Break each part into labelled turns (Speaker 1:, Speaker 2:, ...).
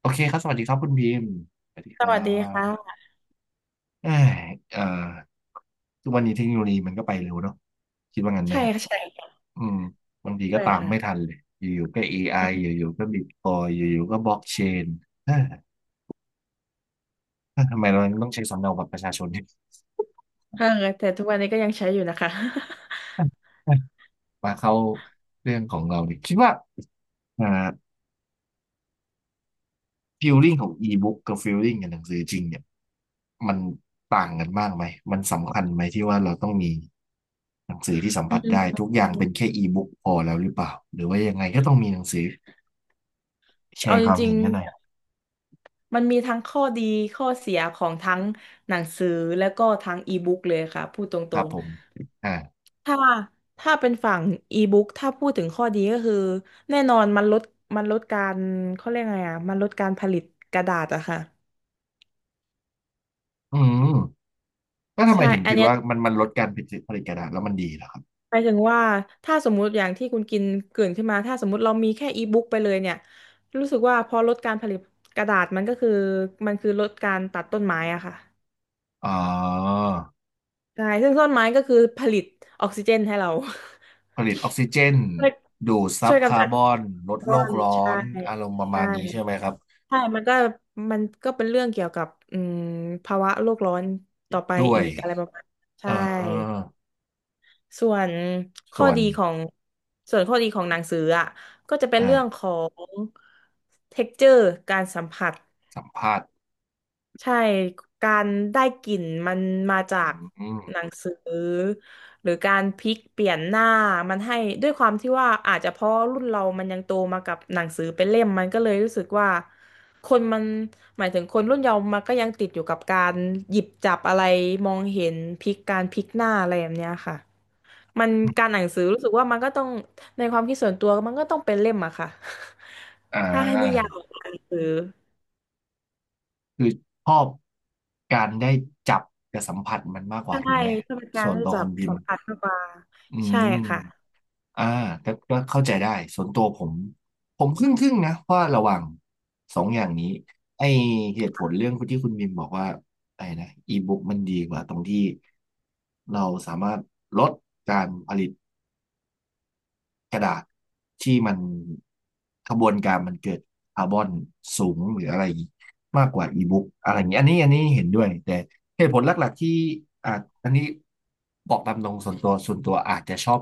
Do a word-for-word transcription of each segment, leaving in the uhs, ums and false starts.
Speaker 1: โอเคครับสวัสดีครับคุณบีมสวัสดี
Speaker 2: ส
Speaker 1: ครั
Speaker 2: วัสดี
Speaker 1: บ
Speaker 2: ค่ะ
Speaker 1: เอ้ยเอ่อทุกวันนี้เทคโนโลยีมันก็ไปเร็วเนาะคิดว่างั้นไหม
Speaker 2: ใช่
Speaker 1: ครับ
Speaker 2: ค่ะใช่
Speaker 1: อืมบางทีก็
Speaker 2: ด้วย
Speaker 1: ตามไม่
Speaker 2: ค่ะ
Speaker 1: ทันเลย อยู่ๆก็ เอ ไอ อไออยู่ๆก็บิตคอยอยู่ๆก็บล็อกเชนเอ้ยทำไมเราต้องใช้สำเนาบัตรประชาชนเนี่ย
Speaker 2: เออแต่ทุกวันนี้ก็ยังใช้อยู่นะคะ
Speaker 1: มาเข้าเรื่องของเราดิคิดว่าอ่า ฟีลลิ่งของอีบุ๊กกับฟีลลิ่งกับหนังสือจริงเนี่ยมันต่างกันมากไหมมันสำคัญไหมที่ว่าเราต้องมีหนังสือที่สัม
Speaker 2: อื
Speaker 1: ผัสได้
Speaker 2: ม
Speaker 1: ทุกอย่างเป็นแค่อีบุ๊กพอแล้วหรือเปล่า หรือว่ายังไงก็ต้องมีหนังสือแช
Speaker 2: เอา
Speaker 1: ร์ค
Speaker 2: จ
Speaker 1: วาม
Speaker 2: ริง
Speaker 1: เห็นกันหน่อย
Speaker 2: ๆมันมีทั้งข้อดีข้อเสียของทั้งหนังสือแล้วก็ทั้งอีบุ๊กเลยค่ะพูดต
Speaker 1: ค
Speaker 2: ร
Speaker 1: รับ
Speaker 2: ง
Speaker 1: ผมอ่า
Speaker 2: ๆถ้าถ้าเป็นฝั่งอีบุ๊กถ้าพูดถึงข้อดีก็คือแน่นอนมันลดมันลดการเขาเรียกไงอ่ะมันลดการผลิตกระดาษอะค่ะ
Speaker 1: อืมแล้วทำไม
Speaker 2: ใช่
Speaker 1: ถึง
Speaker 2: อั
Speaker 1: คิ
Speaker 2: น
Speaker 1: ด
Speaker 2: เนี้ย
Speaker 1: ว่ามันมันลดการผลิตผลิตกระดาษแล้วมันดีเหรอครับ
Speaker 2: หมายถึงว่าถ้าสมมุติอย่างที่คุณกินเกริ่นขึ้นมาถ้าสมมุติเรามีแค่อีบุ๊กไปเลยเนี่ยรู้สึกว่าพอลดการผลิตกระดาษมันก็คือมันคือลดการตัดต้นไม้อะค่ะ
Speaker 1: อ๋อ
Speaker 2: ใช่ซึ่งต้นไม้ก็คือผลิตออกซิเจนให้เรา
Speaker 1: ผลิตออกซิเจน
Speaker 2: ช่วย
Speaker 1: ดูดซั
Speaker 2: ช่
Speaker 1: บ
Speaker 2: วยกำ
Speaker 1: คา
Speaker 2: จั
Speaker 1: ร์
Speaker 2: ด
Speaker 1: บ
Speaker 2: คาร
Speaker 1: อนลด
Speaker 2: ์บ
Speaker 1: โล
Speaker 2: อ
Speaker 1: ก
Speaker 2: น
Speaker 1: ร้อ
Speaker 2: ใช่
Speaker 1: นอารมณ์ประมา
Speaker 2: ใช่
Speaker 1: ณนี้ใช่ไหมครับ
Speaker 2: ใช่มันก็มันก็เป็นเรื่องเกี่ยวกับอืมภาวะโลกร้อนต่อไป
Speaker 1: ด้วย
Speaker 2: อีกอะไรประมาณ
Speaker 1: เอ
Speaker 2: ใช่
Speaker 1: อ
Speaker 2: ส่วนข้อ
Speaker 1: ส่วน
Speaker 2: ดีของส่วนข้อดีของหนังสืออ่ะก็จะเป็น
Speaker 1: อ่า
Speaker 2: เรื่องของ texture การสัมผัส
Speaker 1: สัมภาษณ์
Speaker 2: ใช่การได้กลิ่นมันมาจาก
Speaker 1: อืม
Speaker 2: หนังสือหรือการพลิกเปลี่ยนหน้ามันให้ด้วยความที่ว่าอาจจะเพราะรุ่นเรามันยังโตมากับหนังสือเป็นเล่มมันก็เลยรู้สึกว่าคนมันหมายถึงคนรุ่นเยาว์มันก็ยังติดอยู่กับการหยิบจับอะไรมองเห็นพลิกการพลิกหน้าอะไรแบบเนี้ยค่ะ มันการอ่านหนังสือรู้สึกว่ามันก็ต้องในความคิดส่วนตัวมันก็ต้องเป็นเล่มอะค่ะ
Speaker 1: อ่
Speaker 2: ถ้าให้นิยา
Speaker 1: า
Speaker 2: มออ่านหนังสือ
Speaker 1: คือชอบการได้จับกับสัมผัสมันมากกว่า
Speaker 2: ใช่
Speaker 1: ถูกไหม
Speaker 2: ถ้าเป็นกา
Speaker 1: ส่
Speaker 2: ร
Speaker 1: วน
Speaker 2: ที่
Speaker 1: ตัว
Speaker 2: จะ
Speaker 1: คนพิม
Speaker 2: สัม
Speaker 1: พ์
Speaker 2: ผัสมากกว่า
Speaker 1: อื
Speaker 2: ใช่
Speaker 1: ม
Speaker 2: ค่ะ
Speaker 1: อ่าก็ก็เข้าใจได้ ส่วนตัวผม ผมครึ่งครึ่งนะว่าระหว่างสองอย่างนี้ไอเหตุผลเรื่องที่คุณมิมบอกว่าไอ้นะอีบุ๊กมันดีกว่าตรงที่เราสามารถลดการผลิต กระดาษที่มันกระบวนการมันเกิดคาร์บอนสูงหรืออะไรมากกว่าอีบุ๊กอะไรอย่างนี้อันนี้อันนี้เห็นด้วยแต่เหตุผลหลักๆที่อาจอันนี้บอกตามตรงส่วนตัวส่วนตัวอาจจะชอบ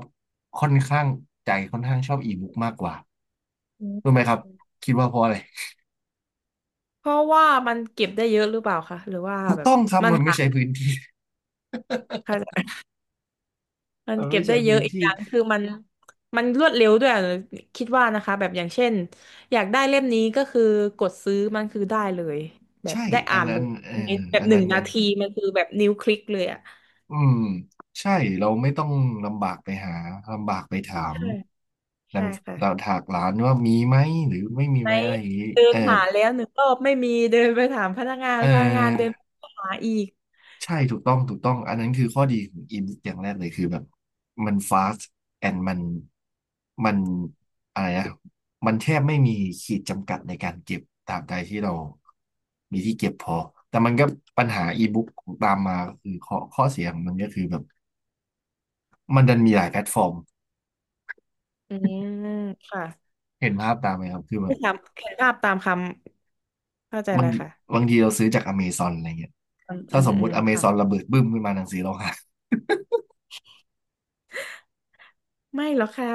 Speaker 1: ค่อนข้างใจค่อนข้างชอบอีบุ๊กมากกว่า
Speaker 2: อื
Speaker 1: รู้ไห
Speaker 2: ม
Speaker 1: มครับคิดว่าเพราะอะไร
Speaker 2: เพราะว่ามันเก็บได้เยอะหรือเปล่าคะหรือว่า
Speaker 1: ถูก
Speaker 2: แบบ
Speaker 1: ต้องครับ
Speaker 2: มัน
Speaker 1: มันไม่
Speaker 2: หา
Speaker 1: ใช้พื้นที่
Speaker 2: ค่ะมั น
Speaker 1: มัน
Speaker 2: เก็
Speaker 1: ไม่
Speaker 2: บได้
Speaker 1: ใช้
Speaker 2: เย
Speaker 1: พื้
Speaker 2: อะ
Speaker 1: น
Speaker 2: อีกอ
Speaker 1: ที่
Speaker 2: ย่างคือมันมันรวดเร็วด้วยอะคิดว่านะคะแบบอย่างเช่นอยากได้เล่มนี้ก็คือกดซื้อมันคือได้เลยแบบ
Speaker 1: ใช่
Speaker 2: ได้
Speaker 1: อั
Speaker 2: อ่า
Speaker 1: น
Speaker 2: นเล
Speaker 1: นั้น
Speaker 2: ย
Speaker 1: เอ
Speaker 2: ใน
Speaker 1: อ
Speaker 2: แบบ
Speaker 1: อัน
Speaker 2: หนึ่
Speaker 1: นั้
Speaker 2: ง
Speaker 1: น
Speaker 2: นา
Speaker 1: อัน
Speaker 2: ทีมันคือแบบนิ้วคลิกเลยอะ
Speaker 1: อืมใช่เราไม่ต้องลำบากไปหาลำบากไปถาม
Speaker 2: ใช่
Speaker 1: ดั
Speaker 2: ใช่
Speaker 1: ง
Speaker 2: ค่ะ
Speaker 1: เราถากร้านว่ามีไหมหรือไม่มี
Speaker 2: ไหม
Speaker 1: ไหมอะไรอย่างนี้
Speaker 2: เดิ
Speaker 1: เอ
Speaker 2: น
Speaker 1: อ
Speaker 2: หาแล้วหนึ่งรอบไม่มีเดินไปถามพนักงาน
Speaker 1: เ
Speaker 2: พนักงานเดิ
Speaker 1: ออ
Speaker 2: นไปหาอีก
Speaker 1: ใช่ถูกต้องถูกต้องอันนั้นคือข้อดีของอินอย่างแรกเลยคือแบบมัน fast and มันมันอะไรนะมันแทบไม่มีขีดจำกัดในการเก็บตามใดที่เรามีที่เก็บพอแต่มันก็ปัญหาอีบุ๊กตามมาก็คือข้อข้อเสียของมันก็คือแบบมันดันมีหลายแพลตฟอร์ม
Speaker 2: อืมค่ะ
Speaker 1: เห็นภาพตามไหมครับ คือแบ
Speaker 2: ไป
Speaker 1: บ
Speaker 2: ถามเขียนภาพตามคำเข้าใจ
Speaker 1: บา
Speaker 2: เล
Speaker 1: ง
Speaker 2: ย
Speaker 1: ที
Speaker 2: ค่ะ
Speaker 1: บางทีเราซื้อจากอเมซอนอะไรเงี้ย
Speaker 2: อืมอื
Speaker 1: ถ้า
Speaker 2: ม
Speaker 1: สม
Speaker 2: อื
Speaker 1: มุ
Speaker 2: ม
Speaker 1: ติอเมซอน
Speaker 2: ค่ะ
Speaker 1: ระเบิดบึ้มขึ้นมาหนังสือเราหาย
Speaker 2: ไม่หรอกค่ะ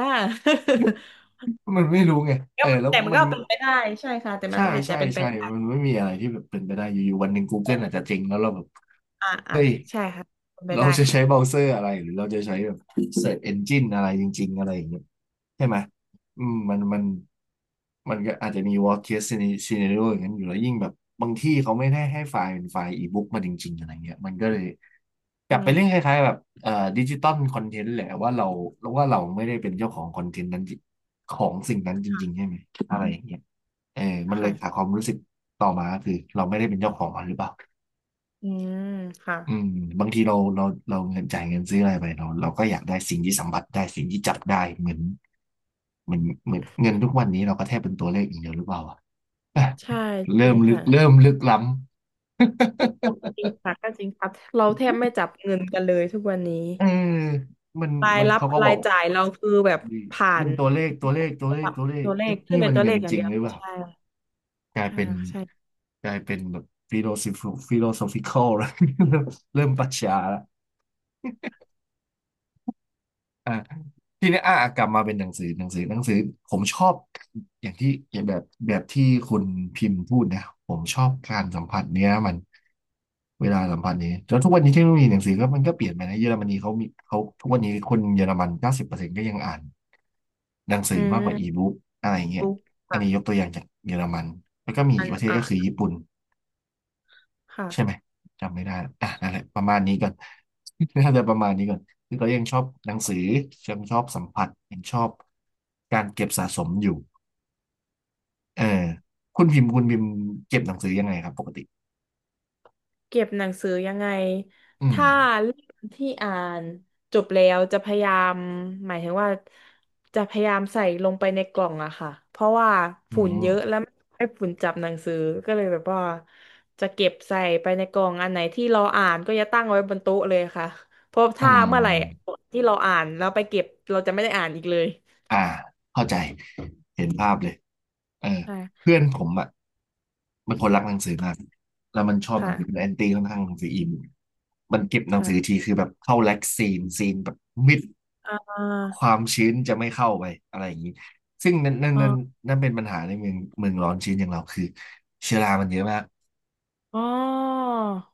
Speaker 1: มันไม่รู้ไง เอ
Speaker 2: ก็
Speaker 1: อแล้ว
Speaker 2: แต่มัน
Speaker 1: มัน
Speaker 2: ก็เป็นไปได้ใช่ค่ะแต่มั
Speaker 1: ใช่
Speaker 2: นอาจจะ
Speaker 1: ใช่
Speaker 2: เป็นไป
Speaker 1: ใช่
Speaker 2: ได้
Speaker 1: มันไม่มีอะไรที่แบบเป็นไปได้ อยู่ๆวันหนึ่ง Google อาจจะเจริงแล้วเราแบบ
Speaker 2: อ่าอ่า
Speaker 1: เฮ้ย
Speaker 2: ใช่ค่ะเป็นไป
Speaker 1: เรา
Speaker 2: ได้
Speaker 1: จะ
Speaker 2: ค่ะ
Speaker 1: ใช้เบราว์เซอร์อะไรหรือเราจะใช้แบบ Search Engine อะไรจริงๆอะไรอย่างเงี้ยใช่ไหมอืมมันมันมันก็อาจจะมี worst case scenario อย่างนั้นอยู่แล้วยิ่งแบบบางที่เขาไม่ได้ให้ไฟล์เป็นไฟล์อีบุ๊กมาจริงๆอะไรเงี้ยมันก็เลย ก
Speaker 2: อื
Speaker 1: ลับไป
Speaker 2: ม
Speaker 1: เรื่องคล้ายๆแบบเอ่อดิจิตอลคอนเทนต์แหละว่าเราว่าเราไม่ได้เป็นเจ้าของคอนเทนต์นั้นจริของสิ่งนั้นจริงๆใช่ไหมอะไรอย่างเงี้ยเออมันเลยขาด
Speaker 2: ค่ะ
Speaker 1: ความรู้สึกต่อมาคือเราไม่ได้เป็นเจ้าของมันหรือเปล่า
Speaker 2: อืมค่ะ
Speaker 1: อืมบางทีเราเราเราเงินจ่ายเงินซื้ออะไรไปเราเราก็อยากได้สิ่งที่สัมผัสได้สิ่งที่จับได้เหมือนเหมือนเหมือนเงินทุกวันนี้เราก็แทบเป็นตัวเลขอย่างเดียวหรือเปล่าอ่ะ
Speaker 2: ใช่ จ
Speaker 1: เริ่
Speaker 2: ริ
Speaker 1: ม
Speaker 2: ง
Speaker 1: ลึก
Speaker 2: ค่ะ
Speaker 1: เริ่มลึกล้ำ
Speaker 2: จริ งค่ะก็จริงค่ะเราแทบไม่จับเงินกันเลยทุกวันนี้
Speaker 1: เออมัน
Speaker 2: ราย
Speaker 1: มัน
Speaker 2: รับ
Speaker 1: เขาก็บ
Speaker 2: รา
Speaker 1: อ
Speaker 2: ย
Speaker 1: ก
Speaker 2: จ่ายเราคือแบบ
Speaker 1: นี่
Speaker 2: ผ่า
Speaker 1: เป็
Speaker 2: น
Speaker 1: นตัวเลขตัวเลขตัวเล
Speaker 2: ป
Speaker 1: ข
Speaker 2: รับ
Speaker 1: ตัวเลข
Speaker 2: ตัวเลข
Speaker 1: เอ๊ะ
Speaker 2: ขึ้
Speaker 1: นี่
Speaker 2: นเป็
Speaker 1: มั
Speaker 2: น
Speaker 1: น
Speaker 2: ตัว
Speaker 1: เงิ
Speaker 2: เล
Speaker 1: น
Speaker 2: ขอย่า
Speaker 1: จ
Speaker 2: ง
Speaker 1: ริง
Speaker 2: เดียว
Speaker 1: หรื
Speaker 2: เล
Speaker 1: อ
Speaker 2: ย
Speaker 1: เปล่า
Speaker 2: ใช่
Speaker 1: กลาย
Speaker 2: ใช่
Speaker 1: เป็น
Speaker 2: ค่ะใช่
Speaker 1: กลายเป็นแบบฟิโล o ิฟิโลโซฟิคอลแล้ว เริ่มปรัชญาละ อ่าทีนี้อ่ากลับมาเป็นหนังสือหนังสือหนังสือผมชอบอย่างที่อย่างแบบแบบที่คุณพิมพ์พูดนะผมชอบการสัมผัสเนี้ยมันเวลาสัมผัสนี้แล้วทุกวันนี้เทคโนโลยีหนังสือก็มันก็เปลี่ยนไปนะเยอรมนีเขามีเขาทุกวันนี้คนเยอรมันเก้าสิบเปอร์เซ็นต์ก็ยังอ่านหนังสื
Speaker 2: อื
Speaker 1: อมากกว่าอี
Speaker 2: ม
Speaker 1: บุ๊กอะไรเงี้ย
Speaker 2: รู้
Speaker 1: อัน
Speaker 2: ค่ะ
Speaker 1: นี้ยกตัวอย่างจากเยอรมันแล้วก็มี
Speaker 2: อั
Speaker 1: อีก
Speaker 2: น
Speaker 1: ประเทศ
Speaker 2: อ่ะ
Speaker 1: ก็คือญี่ปุ่น
Speaker 2: ค่ะ
Speaker 1: ใช่ไหมจำไม่ได้ละอ่ะนั่นแหละประมาณนี้ก่อน น่าจะประมาณนี้ก่อนคือเรายังชอบหนังสือยังชอบสัมผัสยังชอบการเก็บสะสมอยู่เออคุณพิมพ์คุณพิมพ์เก็บหนังสือยังไงครับปกติ
Speaker 2: เก็บหนังสือยังไง
Speaker 1: อืม
Speaker 2: ถ้าเล่มที่อ่านจบแล้วจะพยายามหมายถึงว่าจะพยายามใส่ลงไปในกล่องอะค่ะเพราะว่า
Speaker 1: อื
Speaker 2: ฝุ่นเยอะ
Speaker 1: ม
Speaker 2: แล้วไม่ให้ฝุ่นจับหนังสือก็เลยแบบว่าจะเก็บใส่ไปในกล่องอันไหนที่เราอ่านก็จะตั้งไว้บนโต๊ะเลยค่ะเพราะ
Speaker 1: อื
Speaker 2: ถ้าเมื่อไหร่
Speaker 1: ม
Speaker 2: ที่เราอ่านแล้วไปเก็บเราจะไม่ได้อ่านอีกเลย
Speaker 1: อ่าเข้าใจเห็นภาพเลยเออ
Speaker 2: ใช่
Speaker 1: เพื่อนผมอ่ะเป็นคนรักหนังสือมากแล้วมันชอบหนังสือเป็นแอ
Speaker 2: ค่ะ
Speaker 1: นตี้ค่อนข้างหนังสืออินมันเก็บหนังสือที
Speaker 2: ค่ะ
Speaker 1: คือแบบเข้าแล็กซีนซีนแบบมิด
Speaker 2: อ่า
Speaker 1: ความชื้นจะไม่เข้าไปอะไรอย่างนี้ซึ่งนั่นนั่น
Speaker 2: อ๋อ
Speaker 1: นั่นนั่นเป็นปัญหาในเมืองเมืองร้อนชื้นอย่างเราคือเชื้อรามันเยอะมาก
Speaker 2: อ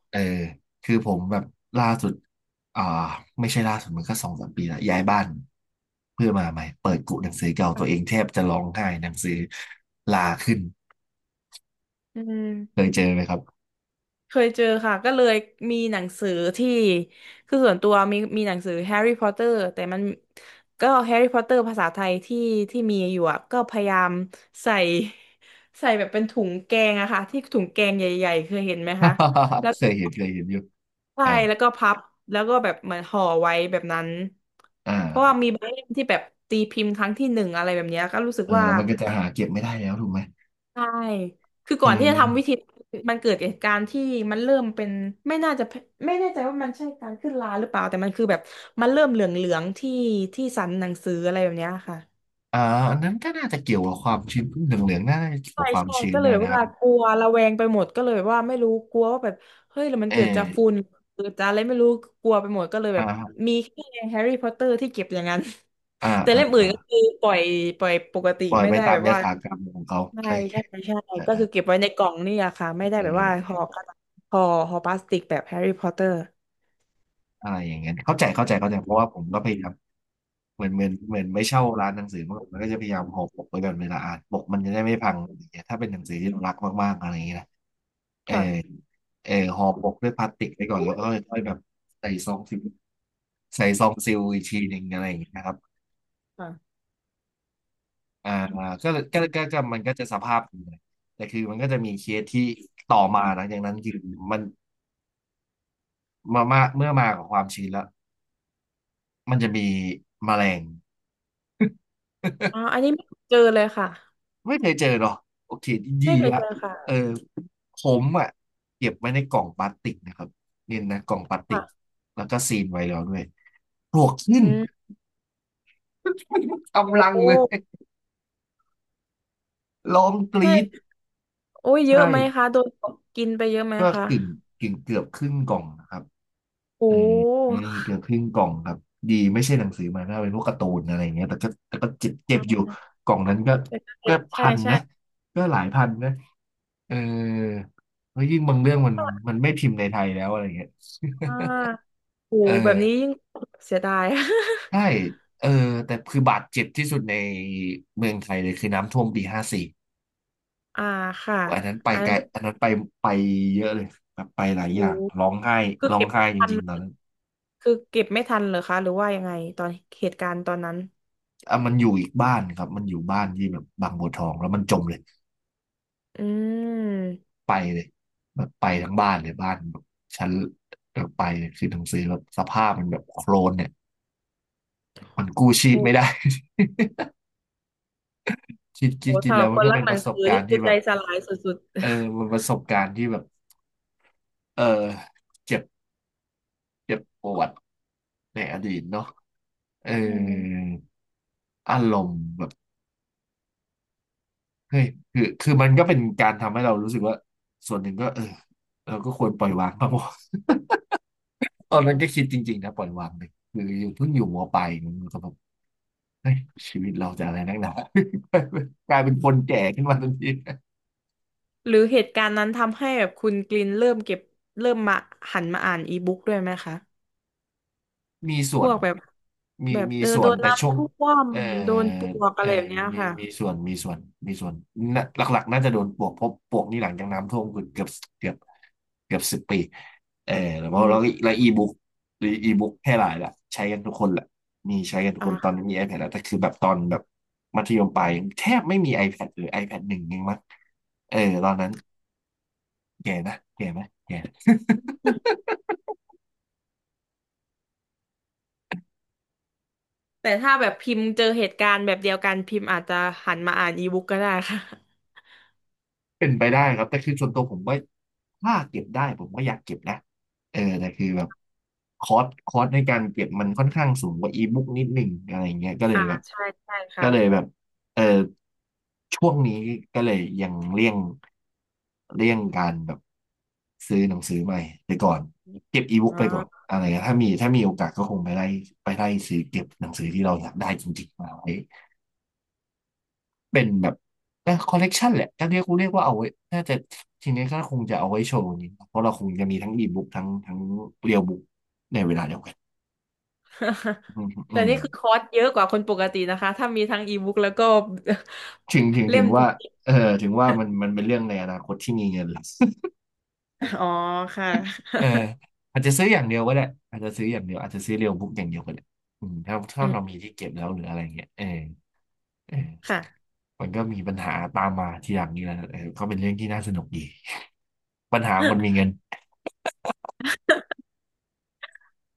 Speaker 1: เออคือผมแบบล่าสุดอ่าไม่ใช่ล่าสุดมันก็สองสามปีละย้ายบ้านเพื่อมาใหม่เปิดกุหนังสือเก่าตัวเองแทบจะร้องไห้หนังสือลาขึ้น
Speaker 2: ออืม
Speaker 1: เคยเจอไหมครับ
Speaker 2: เคยเจอค่ะก็เลยมีหนังสือที่คือส่วนตัวมีมีหนังสือแฮร์รี่พอตเตอร์แต่มันก็แฮร์รี่พอตเตอร์ภาษาไทยที่ที่มีอยู่อะก็พยายามใส่ ใส่แบบเป็นถุงแกงอะค่ะที่ถุงแกงใหญ่ๆเคยเห็นไหมคะ แล้ว
Speaker 1: เคยเห็นเคยเห็นอยู่
Speaker 2: ใช่
Speaker 1: อ่า
Speaker 2: แล้วก็พับแล้วก็แบบเหมือนห่อไว้แบบนั้น
Speaker 1: อ่
Speaker 2: เพราะว่า
Speaker 1: า
Speaker 2: มีบางเล่มที่แบบตีพิมพ์ครั้งที่หนึ่งอะไรแบบเนี้ยก็รู้สึก
Speaker 1: เออ
Speaker 2: ว่า
Speaker 1: แล้วมันก็จะหาเก็บไม่ได้แล้วถูกไหม
Speaker 2: ใช่คือก่
Speaker 1: อื
Speaker 2: อนที่
Speaker 1: ม
Speaker 2: จะทำวิธีมันเกิดเหตุการณ์ที่มันเริ่มเป็นไม่น่าจะไม่แน่ใจว่ามันใช่การขึ้นราหรือเปล่าแต่มันคือแบบมันเริ่มเหลืองๆที่ที่สันหนังสืออะไรแบบเนี้ยค่ะ
Speaker 1: อ่าอันนั้นก็น่าจะเกี่ยวกับความชื้นเหลืองเหลืองน่าจะเกี่ยว
Speaker 2: ใช่
Speaker 1: กับความ
Speaker 2: ใช่
Speaker 1: ชื้น
Speaker 2: ก็เล
Speaker 1: ด้ว
Speaker 2: ย
Speaker 1: ยนะครั
Speaker 2: ว่า
Speaker 1: บ
Speaker 2: กลัวระแวงไปหมดก็เลยว่าไม่รู้กลัวว่าแบบเฮ้ยแล้วมัน
Speaker 1: เอ
Speaker 2: เกิดจากฝุ่
Speaker 1: อ
Speaker 2: นเกิดจากอะไรไม่รู้กลัวไปหมดก็เลยแบบ
Speaker 1: อ่า
Speaker 2: มีแค่แฮร์รี่พอตเตอร์ที่เก็บอย่างนั้น
Speaker 1: อ่า
Speaker 2: แต่
Speaker 1: อ่า
Speaker 2: เล่มอื่น
Speaker 1: อ่า
Speaker 2: ก็คือปล่อยปล่อยปกติ
Speaker 1: ปล่อย
Speaker 2: ไม่
Speaker 1: ไป
Speaker 2: ได้
Speaker 1: ตาม
Speaker 2: แบบ
Speaker 1: ย
Speaker 2: ว่า
Speaker 1: ถากรรมของเขา
Speaker 2: ใช่
Speaker 1: อะไร
Speaker 2: ใช่ใช่
Speaker 1: เอ
Speaker 2: ก็คื
Speaker 1: อ
Speaker 2: อเก็บไว้ในกล่องนี่อะค่ะไม่ได้
Speaker 1: เอ
Speaker 2: แบบว่า
Speaker 1: อ
Speaker 2: ห่อกระดาษห่อห่อพลาสติกแบบแฮร์รี่พอตเตอร์
Speaker 1: อะไรอย่างเงี้ยเข้าใจเข้าใจเข้าใจเพราะว่าผมก็พยายามเหมือนเหมือนเหมือนไม่เช่าร้านหนังสือมันมันก็จะพยายามห่อปกไว้ก่อนเวลาอ่านปกมันจะได้ไม่พังอะไรอย่างเงี้ยถ้าเป็นหนังสือที่เรารักมากๆอะไรอย่างเงี้ยนะเออ
Speaker 2: ค่ะ
Speaker 1: เออห่อปกด้วยพลาสติกไว้ก่อนแล้วก็ค่อยๆแบบใส่ซองซิลใส่ซองซิลอีกทีหนึ่งอะไรอย่างเงี้ยนะครับ
Speaker 2: ค่ะ
Speaker 1: อ่าก็เลยก็ก็ก็มันก็จะสภาพนี้นแต่คือมันก็จะมีเคสที่ต่อมาหลังจากนั้นคือมันมามาเมื่อมากับความชื้นแล้วมันจะมีแมลง
Speaker 2: อ๋อ อันนี้ไม่เคยเจอเลยค่ะ
Speaker 1: ไม่เคยเจอหรอโอเคดี
Speaker 2: ไม่เคย
Speaker 1: ละ
Speaker 2: เจอ
Speaker 1: เอ
Speaker 2: ค่ะ
Speaker 1: อผมอ่ะเก็บไว้ในกล่องพลาสติกนะครับเนี่ยนะกล่องพลาสติก
Speaker 2: ค่ะ
Speaker 1: แล้วก็ซีลไว้แล้วด้วยปลวกขึ้น
Speaker 2: อืม โอ้
Speaker 1: กำลัง
Speaker 2: โห
Speaker 1: เลยร้องกรี๊ด
Speaker 2: ใช่โอ้ยเย
Speaker 1: ใช่
Speaker 2: อะไหมคะโดนกินไปเยอะไหม
Speaker 1: ก็
Speaker 2: คะ
Speaker 1: กึ่งกึ่งเกือบครึ่งกล่องนะครับเอ
Speaker 2: โอ้
Speaker 1: อเกือบครึ่งกล่องครับดีไม่ใช่หนังสือมาถ้าเป็นพวกการ์ตูนอะไรเงี้ยแต่ก็แต่ก็เจ็บเจ็บอยู่
Speaker 2: อ่า
Speaker 1: กล่องนั้นก็ก็
Speaker 2: ใช่
Speaker 1: พัน
Speaker 2: ใช่
Speaker 1: นะก็หลายพันนะเออแล้วยิ่งบางเรื่องมันมันไม่พิมพ์ในไทยแล้วอะไรเงี้ย
Speaker 2: อ่าโอ้โห
Speaker 1: เอ
Speaker 2: แบบนี้
Speaker 1: อ
Speaker 2: ยิ่งเสียดาย
Speaker 1: ใช่เออแต่คือบาดเจ็บที่สุดในเมืองไทยเลยคือน้ำท่วมปีห้าสี่
Speaker 2: อ่าค่ะ
Speaker 1: อันนั้นไป
Speaker 2: อัน
Speaker 1: ไก
Speaker 2: นั้น
Speaker 1: ล
Speaker 2: คือ
Speaker 1: อันนั้นไปไปเยอะเลยแบบไปหลาย
Speaker 2: โอ้
Speaker 1: อย่าง
Speaker 2: โห
Speaker 1: ร้องไห้
Speaker 2: คือ
Speaker 1: ร้อง
Speaker 2: เก็บ
Speaker 1: ไห้
Speaker 2: ไม่
Speaker 1: จ
Speaker 2: ทัน
Speaker 1: ริงๆตอนนั้น
Speaker 2: คือเก็บไม่ทันเหรอคะหรือว่ายังไงตอนเหตุการณ์ตอนนั้น
Speaker 1: อ่ะมันอยู่อีกบ้านครับมันอยู่บ้านที่แบบบางบัวทองแล้วมันจมเลย
Speaker 2: อืม
Speaker 1: ไปเลยแบบไปทั้งบ้านเลยบ้านแบบชั้นแบบไปเลยคือหนังสือแบบสภาพมันแบบโคลนเนี่ยมันกู้ชีพ
Speaker 2: โอ้
Speaker 1: ไม่ได้ คิด
Speaker 2: โห
Speaker 1: คิดคิด
Speaker 2: สำห
Speaker 1: แล้
Speaker 2: รั
Speaker 1: ว
Speaker 2: บ
Speaker 1: มั
Speaker 2: ค
Speaker 1: น
Speaker 2: น
Speaker 1: ก็
Speaker 2: รัก
Speaker 1: เป็น
Speaker 2: ห
Speaker 1: ป
Speaker 2: นั
Speaker 1: ระ
Speaker 2: ง
Speaker 1: สบ
Speaker 2: สือ
Speaker 1: การ
Speaker 2: นี่
Speaker 1: ณ์ที่
Speaker 2: คือ
Speaker 1: แบ
Speaker 2: ใจ
Speaker 1: บ
Speaker 2: สลายสุด
Speaker 1: เออมันประสบการณ์ที่แบบเออเจ็บเจ็บปวด ในอดีตเนาะเอ
Speaker 2: ๆอืม
Speaker 1: ออารมณ์แบบเฮ้ยคือคือมันก็เป็นการทำให้เรารู้สึกว่าส่วนหนึ่งก็เออเราก็ควรปล่อยวางบ้างวะ ตอ
Speaker 2: อ๋
Speaker 1: นนั้นก็คิ
Speaker 2: อ
Speaker 1: ดจริงๆนะปล่อยวางเลยคืออยู่เพิ่งอยู่มปลายมันก็แบบเฮ้ยชีวิตเราจะอะไรนักหนา กลายเป็นคนแก่ขึ้นมาทันที
Speaker 2: ๆหรือเหตุการณ์นั้นทำให้แบบคุณกลินเริ่มเก็บเริ่มมาหันมาอ่านอีบุ๊กด้วยไหมคะ
Speaker 1: มี
Speaker 2: พ
Speaker 1: ส่ว
Speaker 2: ว
Speaker 1: น
Speaker 2: กแบบ
Speaker 1: มี
Speaker 2: แบบ
Speaker 1: มี
Speaker 2: เออ
Speaker 1: ส่
Speaker 2: โด
Speaker 1: วน
Speaker 2: น
Speaker 1: แต่ช่
Speaker 2: น้ำ
Speaker 1: วง
Speaker 2: ท่วม
Speaker 1: เออ
Speaker 2: โดนปลวก
Speaker 1: เอ
Speaker 2: อะ
Speaker 1: อ
Speaker 2: ไรแบบเนี้ย
Speaker 1: มี
Speaker 2: ค่ะ
Speaker 1: มีส่วนมีส่วนมีส่วนน่ะหลักๆน่าจะโดนปลวกเพราะปลวกนี่หลังจากน้ำท่วมคือเกือบเกือบเกือบสิบปีเออแล้ว
Speaker 2: อื
Speaker 1: แล้ว
Speaker 2: ม
Speaker 1: แล้วอีบุ๊กหรืออีบุ๊กแพร่หลายละใช้กันทุกคนแหละมีใช้กันทุกค
Speaker 2: อ่ะ
Speaker 1: นตอนนี้มี iPad แล้วแต่คือแบบตอนแบบมัธยมปลายแทบไม่มี iPad หรือ ไอแพดหนึ่งยังมั้งเออตอนนั้นแก่นะแก่ไหมแก่
Speaker 2: แต่ถ้าแบบพิมพ์เจอเหตุการณ์แบบเดียวกันพิมพ์อาจจะหันมาอ่านอีบุ๊กก็ได้ค่ะ
Speaker 1: เป็นไปได้ครับแต่คือส่วนตัวผมว่าถ้าเก็บได้ผมก็อยากเก็บนะเออแต่คือแบบคอสคอสในการเก็บมันค่อนข้างสูงกว่าอีบุ๊กนิดหนึ่งอะไรเงี้ยก็เลย
Speaker 2: อ่า
Speaker 1: แบบ
Speaker 2: ใช่ใช่
Speaker 1: ก็
Speaker 2: ค่ะ
Speaker 1: เลยแบบเออช่วงนี้ก็เลยยังเลี่ยงเลี่ยงการแบบซื้อหนังสือใหม่ไปก่อนเก็บอีบุ๊ก
Speaker 2: อ๋
Speaker 1: ไปก่อน
Speaker 2: อ
Speaker 1: อะไรเงี้ยถ้ามีถ้ามีโอกาสก็คงไปไล่ไปไล่ซื้อเก็บหนังสือที่เราอยากได้จริงๆมาไว้ เป็นแบบคอลเลกชันแหละถ้าเรียกเรียกว่าเอาไว้น่าจะทีนี้ก็คงจะเอาไว้โชว์อย่างนี้เพราะเราคงจะมีทั้งอีบุ๊กทั้งทั้งเรียลบุ๊กในเวลาเดียวกัน อืมอื
Speaker 2: แต่
Speaker 1: ม
Speaker 2: นี่คือคอร์สเยอะกว่าคนปกตินะคะถ้ามีทั้งอีบุ๊กแล้วก็
Speaker 1: ถึงถึง
Speaker 2: เล่
Speaker 1: ถึ
Speaker 2: ม
Speaker 1: ง
Speaker 2: จร
Speaker 1: ว่า
Speaker 2: ิง
Speaker 1: เออถึงว่ามันมันเป็นเรื่องในอนาคตที่มีเงินหลัก
Speaker 2: ๆอ๋อค่ะ
Speaker 1: เอออาจจะซื้ออย่างเดียวก็ได้อาจจะซื้ออย่างเดียวอาจจะซื้อเรียลบุ๊กอย่างเดียวก็ได้อืมถ้า ถ้า
Speaker 2: อืม
Speaker 1: เรามีที่เก็บแล้วหรืออะไรเงี้ยเออเอ
Speaker 2: ค่ะ
Speaker 1: อมันก็มีปัญหาตามมาทีหลังนี่แหละเออก็เป็นเรื่องที่น่าสนุกดีปัญหาคนมีเงิน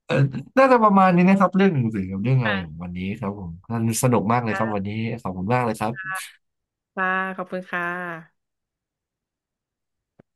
Speaker 1: เออน่าจะประมาณนี้นะครับเรื่องหนังสือกับเรื่องอะไรของ
Speaker 2: ค่ะ
Speaker 1: วันนี้ครับผมน่าสนุกมากเลยครับวัน
Speaker 2: ค่ะ
Speaker 1: นี้ขอบคุณมากเลยครับ
Speaker 2: ค่ะขอบคุณค่ะ